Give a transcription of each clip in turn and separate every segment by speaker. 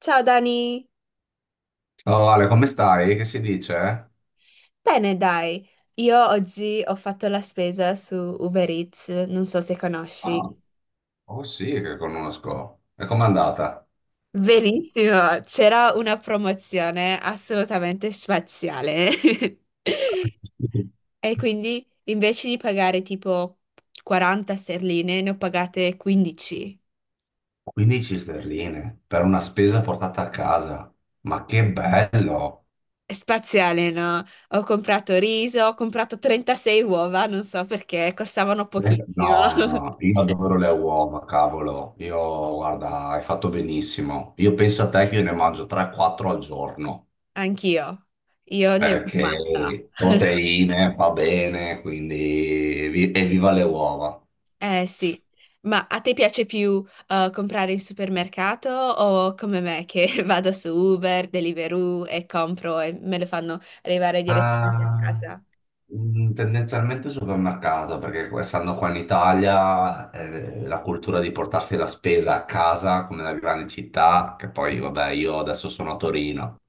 Speaker 1: Ciao Dani,
Speaker 2: Oh Ale, come stai? Che si dice?
Speaker 1: bene dai, io oggi ho fatto la spesa su Uber Eats, non so se conosci.
Speaker 2: Ah, oh sì, che conosco. E com'è andata?
Speaker 1: Verissimo, c'era una promozione assolutamente spaziale. E quindi invece di pagare tipo 40 sterline, ne ho pagate 15.
Speaker 2: 15 sterline per una spesa portata a casa. Ma che bello!
Speaker 1: È spaziale, no? Ho comprato riso, ho comprato 36 uova, non so perché, costavano pochissimo.
Speaker 2: No, io adoro le uova, cavolo. Io, guarda, hai fatto benissimo. Io penso a te che io ne mangio 3-4 al giorno,
Speaker 1: Anch'io, io ne ho fatta.
Speaker 2: perché proteine fa bene, quindi evviva le uova.
Speaker 1: Eh sì, ma a te piace più comprare in supermercato o come me che vado su Uber, Deliveroo e compro e me lo fanno arrivare direttamente a
Speaker 2: Ah,
Speaker 1: casa?
Speaker 2: tendenzialmente supermercato, perché essendo qua in Italia, la cultura di portarsi la spesa a casa, come nelle grandi città, che poi, vabbè, io adesso sono a Torino,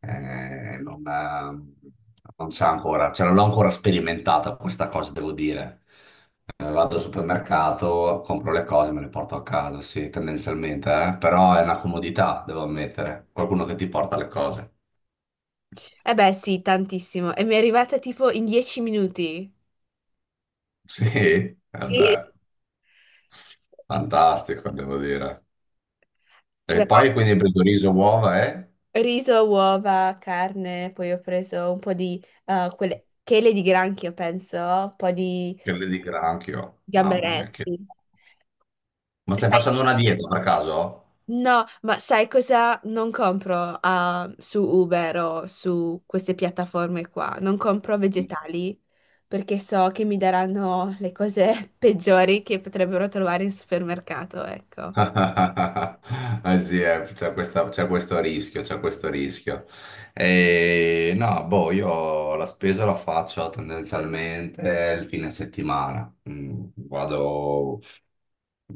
Speaker 2: non c'è ancora, cioè non l'ho ancora sperimentata questa cosa, devo dire. Vado al supermercato, compro le cose, me le porto a casa, sì, tendenzialmente, però è una comodità, devo ammettere. Qualcuno che ti porta le cose.
Speaker 1: Eh beh sì, tantissimo. E mi è arrivata tipo in 10 minuti.
Speaker 2: Sì,
Speaker 1: Sì,
Speaker 2: vabbè. Fantastico, devo dire. E
Speaker 1: però
Speaker 2: poi quindi hai preso riso, uova e
Speaker 1: riso, uova, carne, poi ho preso un po' di quelle chele di granchio, penso, un po' di
Speaker 2: quelle di granchio. Mamma mia,
Speaker 1: gamberetti.
Speaker 2: Ma stai facendo una dieta per caso?
Speaker 1: No, ma sai cosa? Non compro su Uber o su queste piattaforme qua, non compro vegetali perché so che mi daranno le cose peggiori che potrebbero trovare in supermercato, ecco.
Speaker 2: Eh sì, c'è questo rischio, c'è questo rischio. E, no, boh, io la spesa la faccio tendenzialmente il fine settimana. Vado,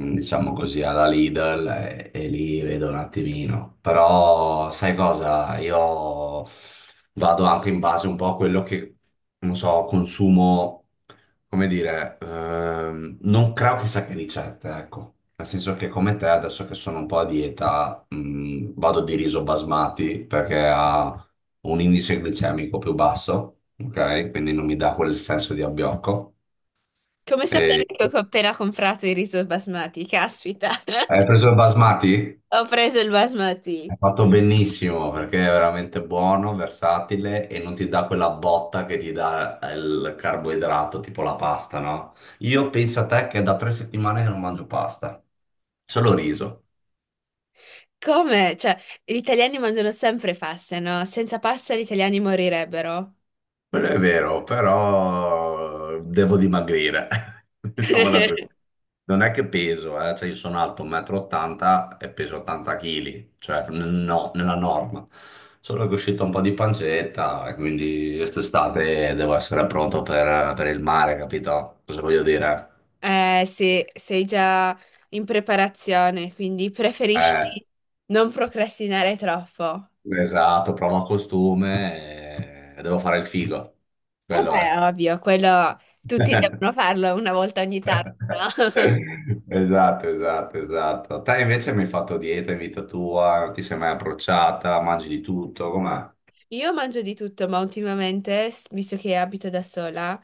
Speaker 2: diciamo così, alla Lidl e lì vedo un attimino. Però sai cosa? Io vado anche in base un po' a quello che, non so, consumo, come dire, non creo chissà che ricette, ecco. Nel senso che come te, adesso che sono un po' a dieta, vado di riso basmati perché ha un indice glicemico più basso, ok? Quindi non mi dà quel senso di abbiocco.
Speaker 1: Come
Speaker 2: E...
Speaker 1: sapere che ho appena comprato il riso basmati, caspita,
Speaker 2: Hai preso il basmati?
Speaker 1: ho preso il basmati.
Speaker 2: Hai fatto benissimo perché è veramente buono, versatile e non ti dà quella botta che ti dà il carboidrato, tipo la pasta, no? Io penso a te che è da 3 settimane che non mangio pasta, solo riso.
Speaker 1: Come? Cioè, gli italiani mangiano sempre paste, no? Senza pasta gli italiani morirebbero.
Speaker 2: Quello è vero, però devo dimagrire. Diciamola così. Non è che peso, cioè io sono alto 1,80 m e ottanta e peso 80 kg, cioè no, nella norma. Solo che è uscito un po' di pancetta e quindi quest'estate devo essere pronto per il mare, capito? Cosa voglio dire?
Speaker 1: Sì, sei già in preparazione, quindi
Speaker 2: Eh,
Speaker 1: preferisci non procrastinare troppo.
Speaker 2: esatto, provo costume e devo fare il figo.
Speaker 1: Eh
Speaker 2: Quello
Speaker 1: beh, è
Speaker 2: è.
Speaker 1: ovvio, quello tutti devono farlo una volta ogni tanto, no?
Speaker 2: Esatto, esatto, esatto. Te invece mi hai fatto dieta in vita tua, non ti sei mai approcciata, mangi di tutto, com'è?
Speaker 1: Io mangio di tutto, ma ultimamente, visto che abito da sola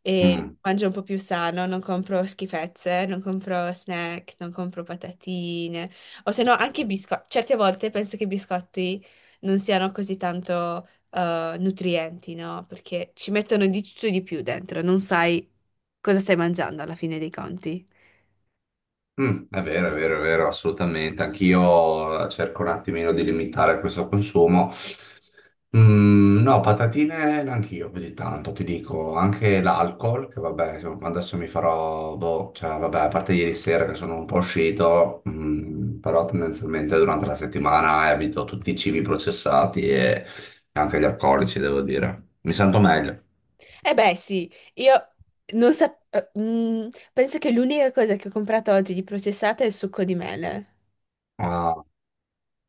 Speaker 1: e
Speaker 2: Mm.
Speaker 1: mangio un po' più sano, non compro schifezze, non compro snack, non compro patatine, o se no anche biscotti. Certe volte penso che i biscotti non siano così tanto nutrienti, no? Perché ci mettono di tutto e di più dentro, non sai cosa stai mangiando alla fine dei conti.
Speaker 2: È vero, è vero, è vero, assolutamente. Anch'io cerco un attimino di limitare questo consumo. No, patatine neanch'io più di tanto, ti dico. Anche l'alcol, che vabbè, insomma, adesso mi farò, boh, cioè, vabbè, a parte ieri sera che sono un po' uscito, però tendenzialmente durante la settimana evito tutti i cibi processati e anche gli alcolici, devo dire. Mi sento meglio.
Speaker 1: Eh beh, sì, io non sapevo. Penso che l'unica cosa che ho comprato oggi di processata è il succo di mele.
Speaker 2: Ah,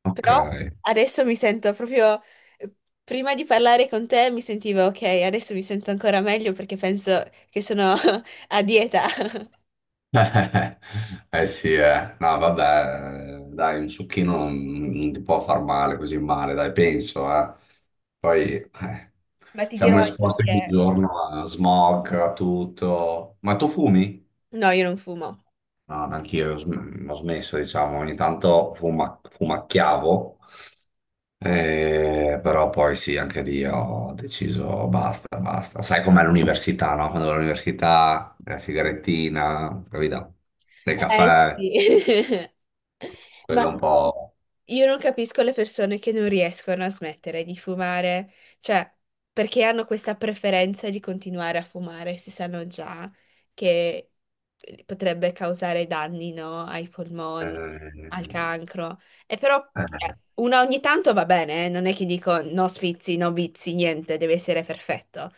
Speaker 2: ok.
Speaker 1: Però adesso mi sento proprio, eh, prima di parlare con te mi sentivo ok, adesso mi sento ancora meglio perché penso che sono a dieta.
Speaker 2: Eh eh, sì, eh. No, vabbè, dai, un succhino non ti può far male così male, dai, penso, eh. Poi
Speaker 1: Ma ti dirò
Speaker 2: siamo
Speaker 1: io
Speaker 2: esposti ogni
Speaker 1: che...
Speaker 2: giorno a smog, a tutto. Ma tu fumi?
Speaker 1: No, io non fumo.
Speaker 2: No, ma anch'io ho ho smesso, diciamo, ogni tanto fumacchiavo, però poi sì, anche lì ho deciso basta, basta. Sai com'è l'università, no? Quando vai all'università, la sigarettina, capito? Il
Speaker 1: Eh
Speaker 2: caffè,
Speaker 1: sì. Ma
Speaker 2: quello un po'...
Speaker 1: io non capisco le persone che non riescono a smettere di fumare, cioè perché hanno questa preferenza di continuare a fumare se sanno già che potrebbe causare danni, no, ai polmoni,
Speaker 2: eh,
Speaker 1: al cancro. E però
Speaker 2: eh.
Speaker 1: una ogni tanto va bene, eh. Non è che dico no sfizi, no vizi, niente, deve essere perfetto.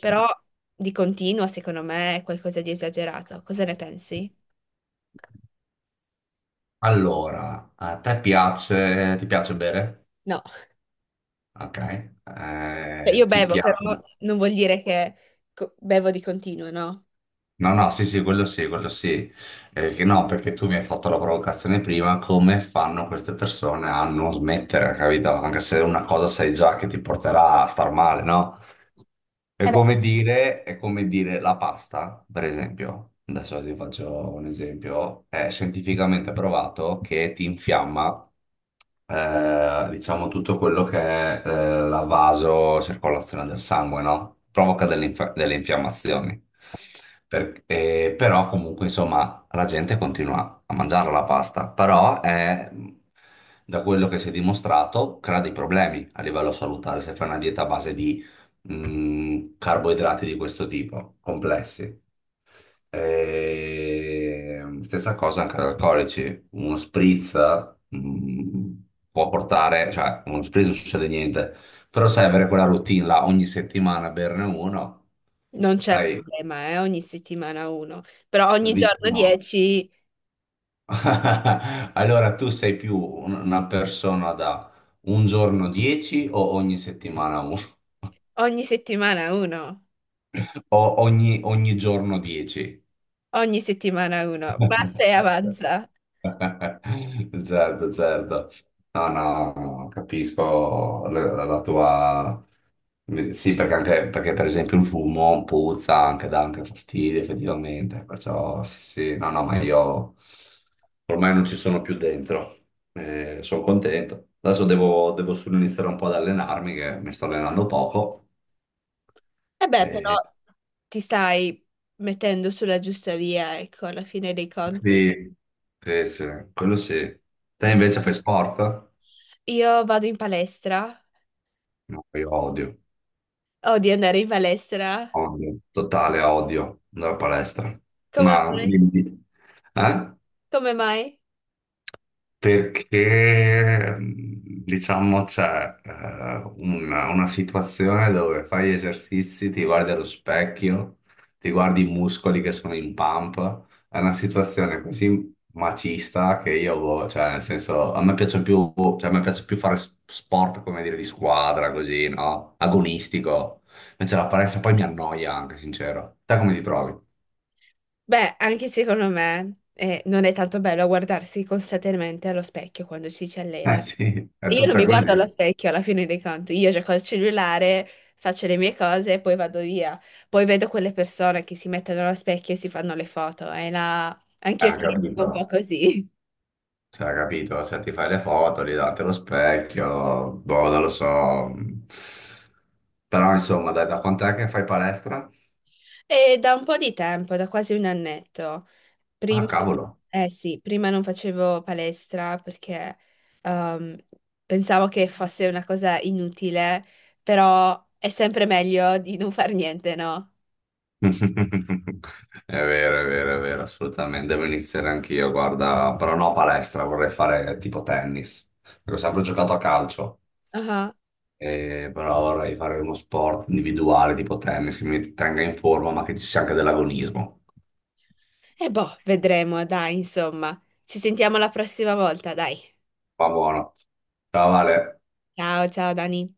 Speaker 1: Però di continuo, secondo me, è qualcosa di esagerato. Cosa ne pensi?
Speaker 2: Allora, a te piace, ti piace bere?
Speaker 1: No,
Speaker 2: Ok.
Speaker 1: cioè,
Speaker 2: Eh,
Speaker 1: io
Speaker 2: ti
Speaker 1: bevo, però
Speaker 2: piace?
Speaker 1: non vuol dire che bevo di continuo, no?
Speaker 2: No, no, sì, sì, quello sì, quello sì. Che no, perché tu mi hai fatto la provocazione prima, come fanno queste persone a non smettere, capito? Anche se una cosa sai già che ti porterà a star male, no? È
Speaker 1: Eh beh,
Speaker 2: come
Speaker 1: sì.
Speaker 2: dire, è come dire la pasta, per esempio. Adesso ti faccio un esempio. È scientificamente provato che ti infiamma diciamo tutto quello che è la vasocircolazione del sangue, no? Provoca delle infiammazioni. Però comunque, insomma, la gente continua a mangiare la pasta, però è, da quello che si è dimostrato, crea dei problemi a livello salutare se fai una dieta a base di carboidrati di questo tipo, complessi. E stessa cosa anche agli alcolici, uno spritz mh, può portare, cioè uno spritz non succede niente, però sai avere quella routine là ogni settimana berne uno,
Speaker 1: Non c'è
Speaker 2: sai,
Speaker 1: problema, ogni settimana uno, però ogni
Speaker 2: dici
Speaker 1: giorno
Speaker 2: no.
Speaker 1: 10,
Speaker 2: Allora tu sei più una persona da un giorno 10 o ogni settimana uno?
Speaker 1: ogni settimana uno,
Speaker 2: O ogni giorno 10?
Speaker 1: ogni settimana uno, basta e
Speaker 2: Ok.
Speaker 1: avanza.
Speaker 2: Certo, certo. No, no, capisco la tua... Sì, perché, anche, perché per esempio il fumo puzza, anche dà anche fastidio effettivamente, perciò sì, sì, no, no, ma io ormai non ci sono più dentro. Sono contento. Adesso devo solo iniziare un po' ad allenarmi, che mi sto allenando poco.
Speaker 1: Eh beh, però
Speaker 2: Eh,
Speaker 1: ti stai mettendo sulla giusta via, ecco, alla fine dei conti.
Speaker 2: sì, sì, sì, quello sì. Te
Speaker 1: Mm.
Speaker 2: invece fai sport?
Speaker 1: Io vado in palestra,
Speaker 2: No, io odio,
Speaker 1: odio andare in palestra.
Speaker 2: odio, totale odio andare a palestra.
Speaker 1: Come
Speaker 2: Ma
Speaker 1: mai?
Speaker 2: dimmi, eh?
Speaker 1: Come mai?
Speaker 2: Perché diciamo c'è una situazione dove fai gli esercizi, ti guardi allo specchio, ti guardi i muscoli che sono in pump, è una situazione così macista che io, boh, cioè nel senso, a me piace più, cioè, a me piace più fare sport, come dire, di squadra, così, no? Agonistico. Invece la palestra poi mi annoia anche, sincero. Te come ti trovi?
Speaker 1: Beh, anche secondo me non è tanto bello guardarsi costantemente allo specchio quando ci si
Speaker 2: Eh
Speaker 1: allena.
Speaker 2: sì, è
Speaker 1: E io non
Speaker 2: tutta
Speaker 1: mi guardo allo
Speaker 2: così.
Speaker 1: specchio alla fine dei conti, io gioco al cellulare, faccio le mie cose e poi vado via. Poi vedo quelle persone che si mettono allo specchio e si fanno le foto e là anch'io ci rimango un po'
Speaker 2: Capito.
Speaker 1: così.
Speaker 2: Cioè, capito? Cioè, ti fai le foto, lì davanti allo specchio, boh, non lo so. Però, insomma, dai, da quant'è che fai palestra?
Speaker 1: E da un po' di tempo, da quasi un annetto. Prima,
Speaker 2: Ah, cavolo.
Speaker 1: eh sì, prima non facevo palestra perché ehm, pensavo che fosse una cosa inutile, però è sempre meglio di non far niente, no?
Speaker 2: È vero, è vero, è vero, assolutamente. Devo iniziare anch'io, guarda. Però no palestra, vorrei fare tipo tennis. Perché ho sempre giocato a calcio,
Speaker 1: Ah.
Speaker 2: però vorrei fare uno sport individuale tipo tennis che mi tenga in forma, ma che ci sia anche dell'agonismo.
Speaker 1: E boh, vedremo, dai, insomma. Ci sentiamo la prossima volta, dai.
Speaker 2: Va buono. Ciao, Vale.
Speaker 1: Ciao, ciao Dani.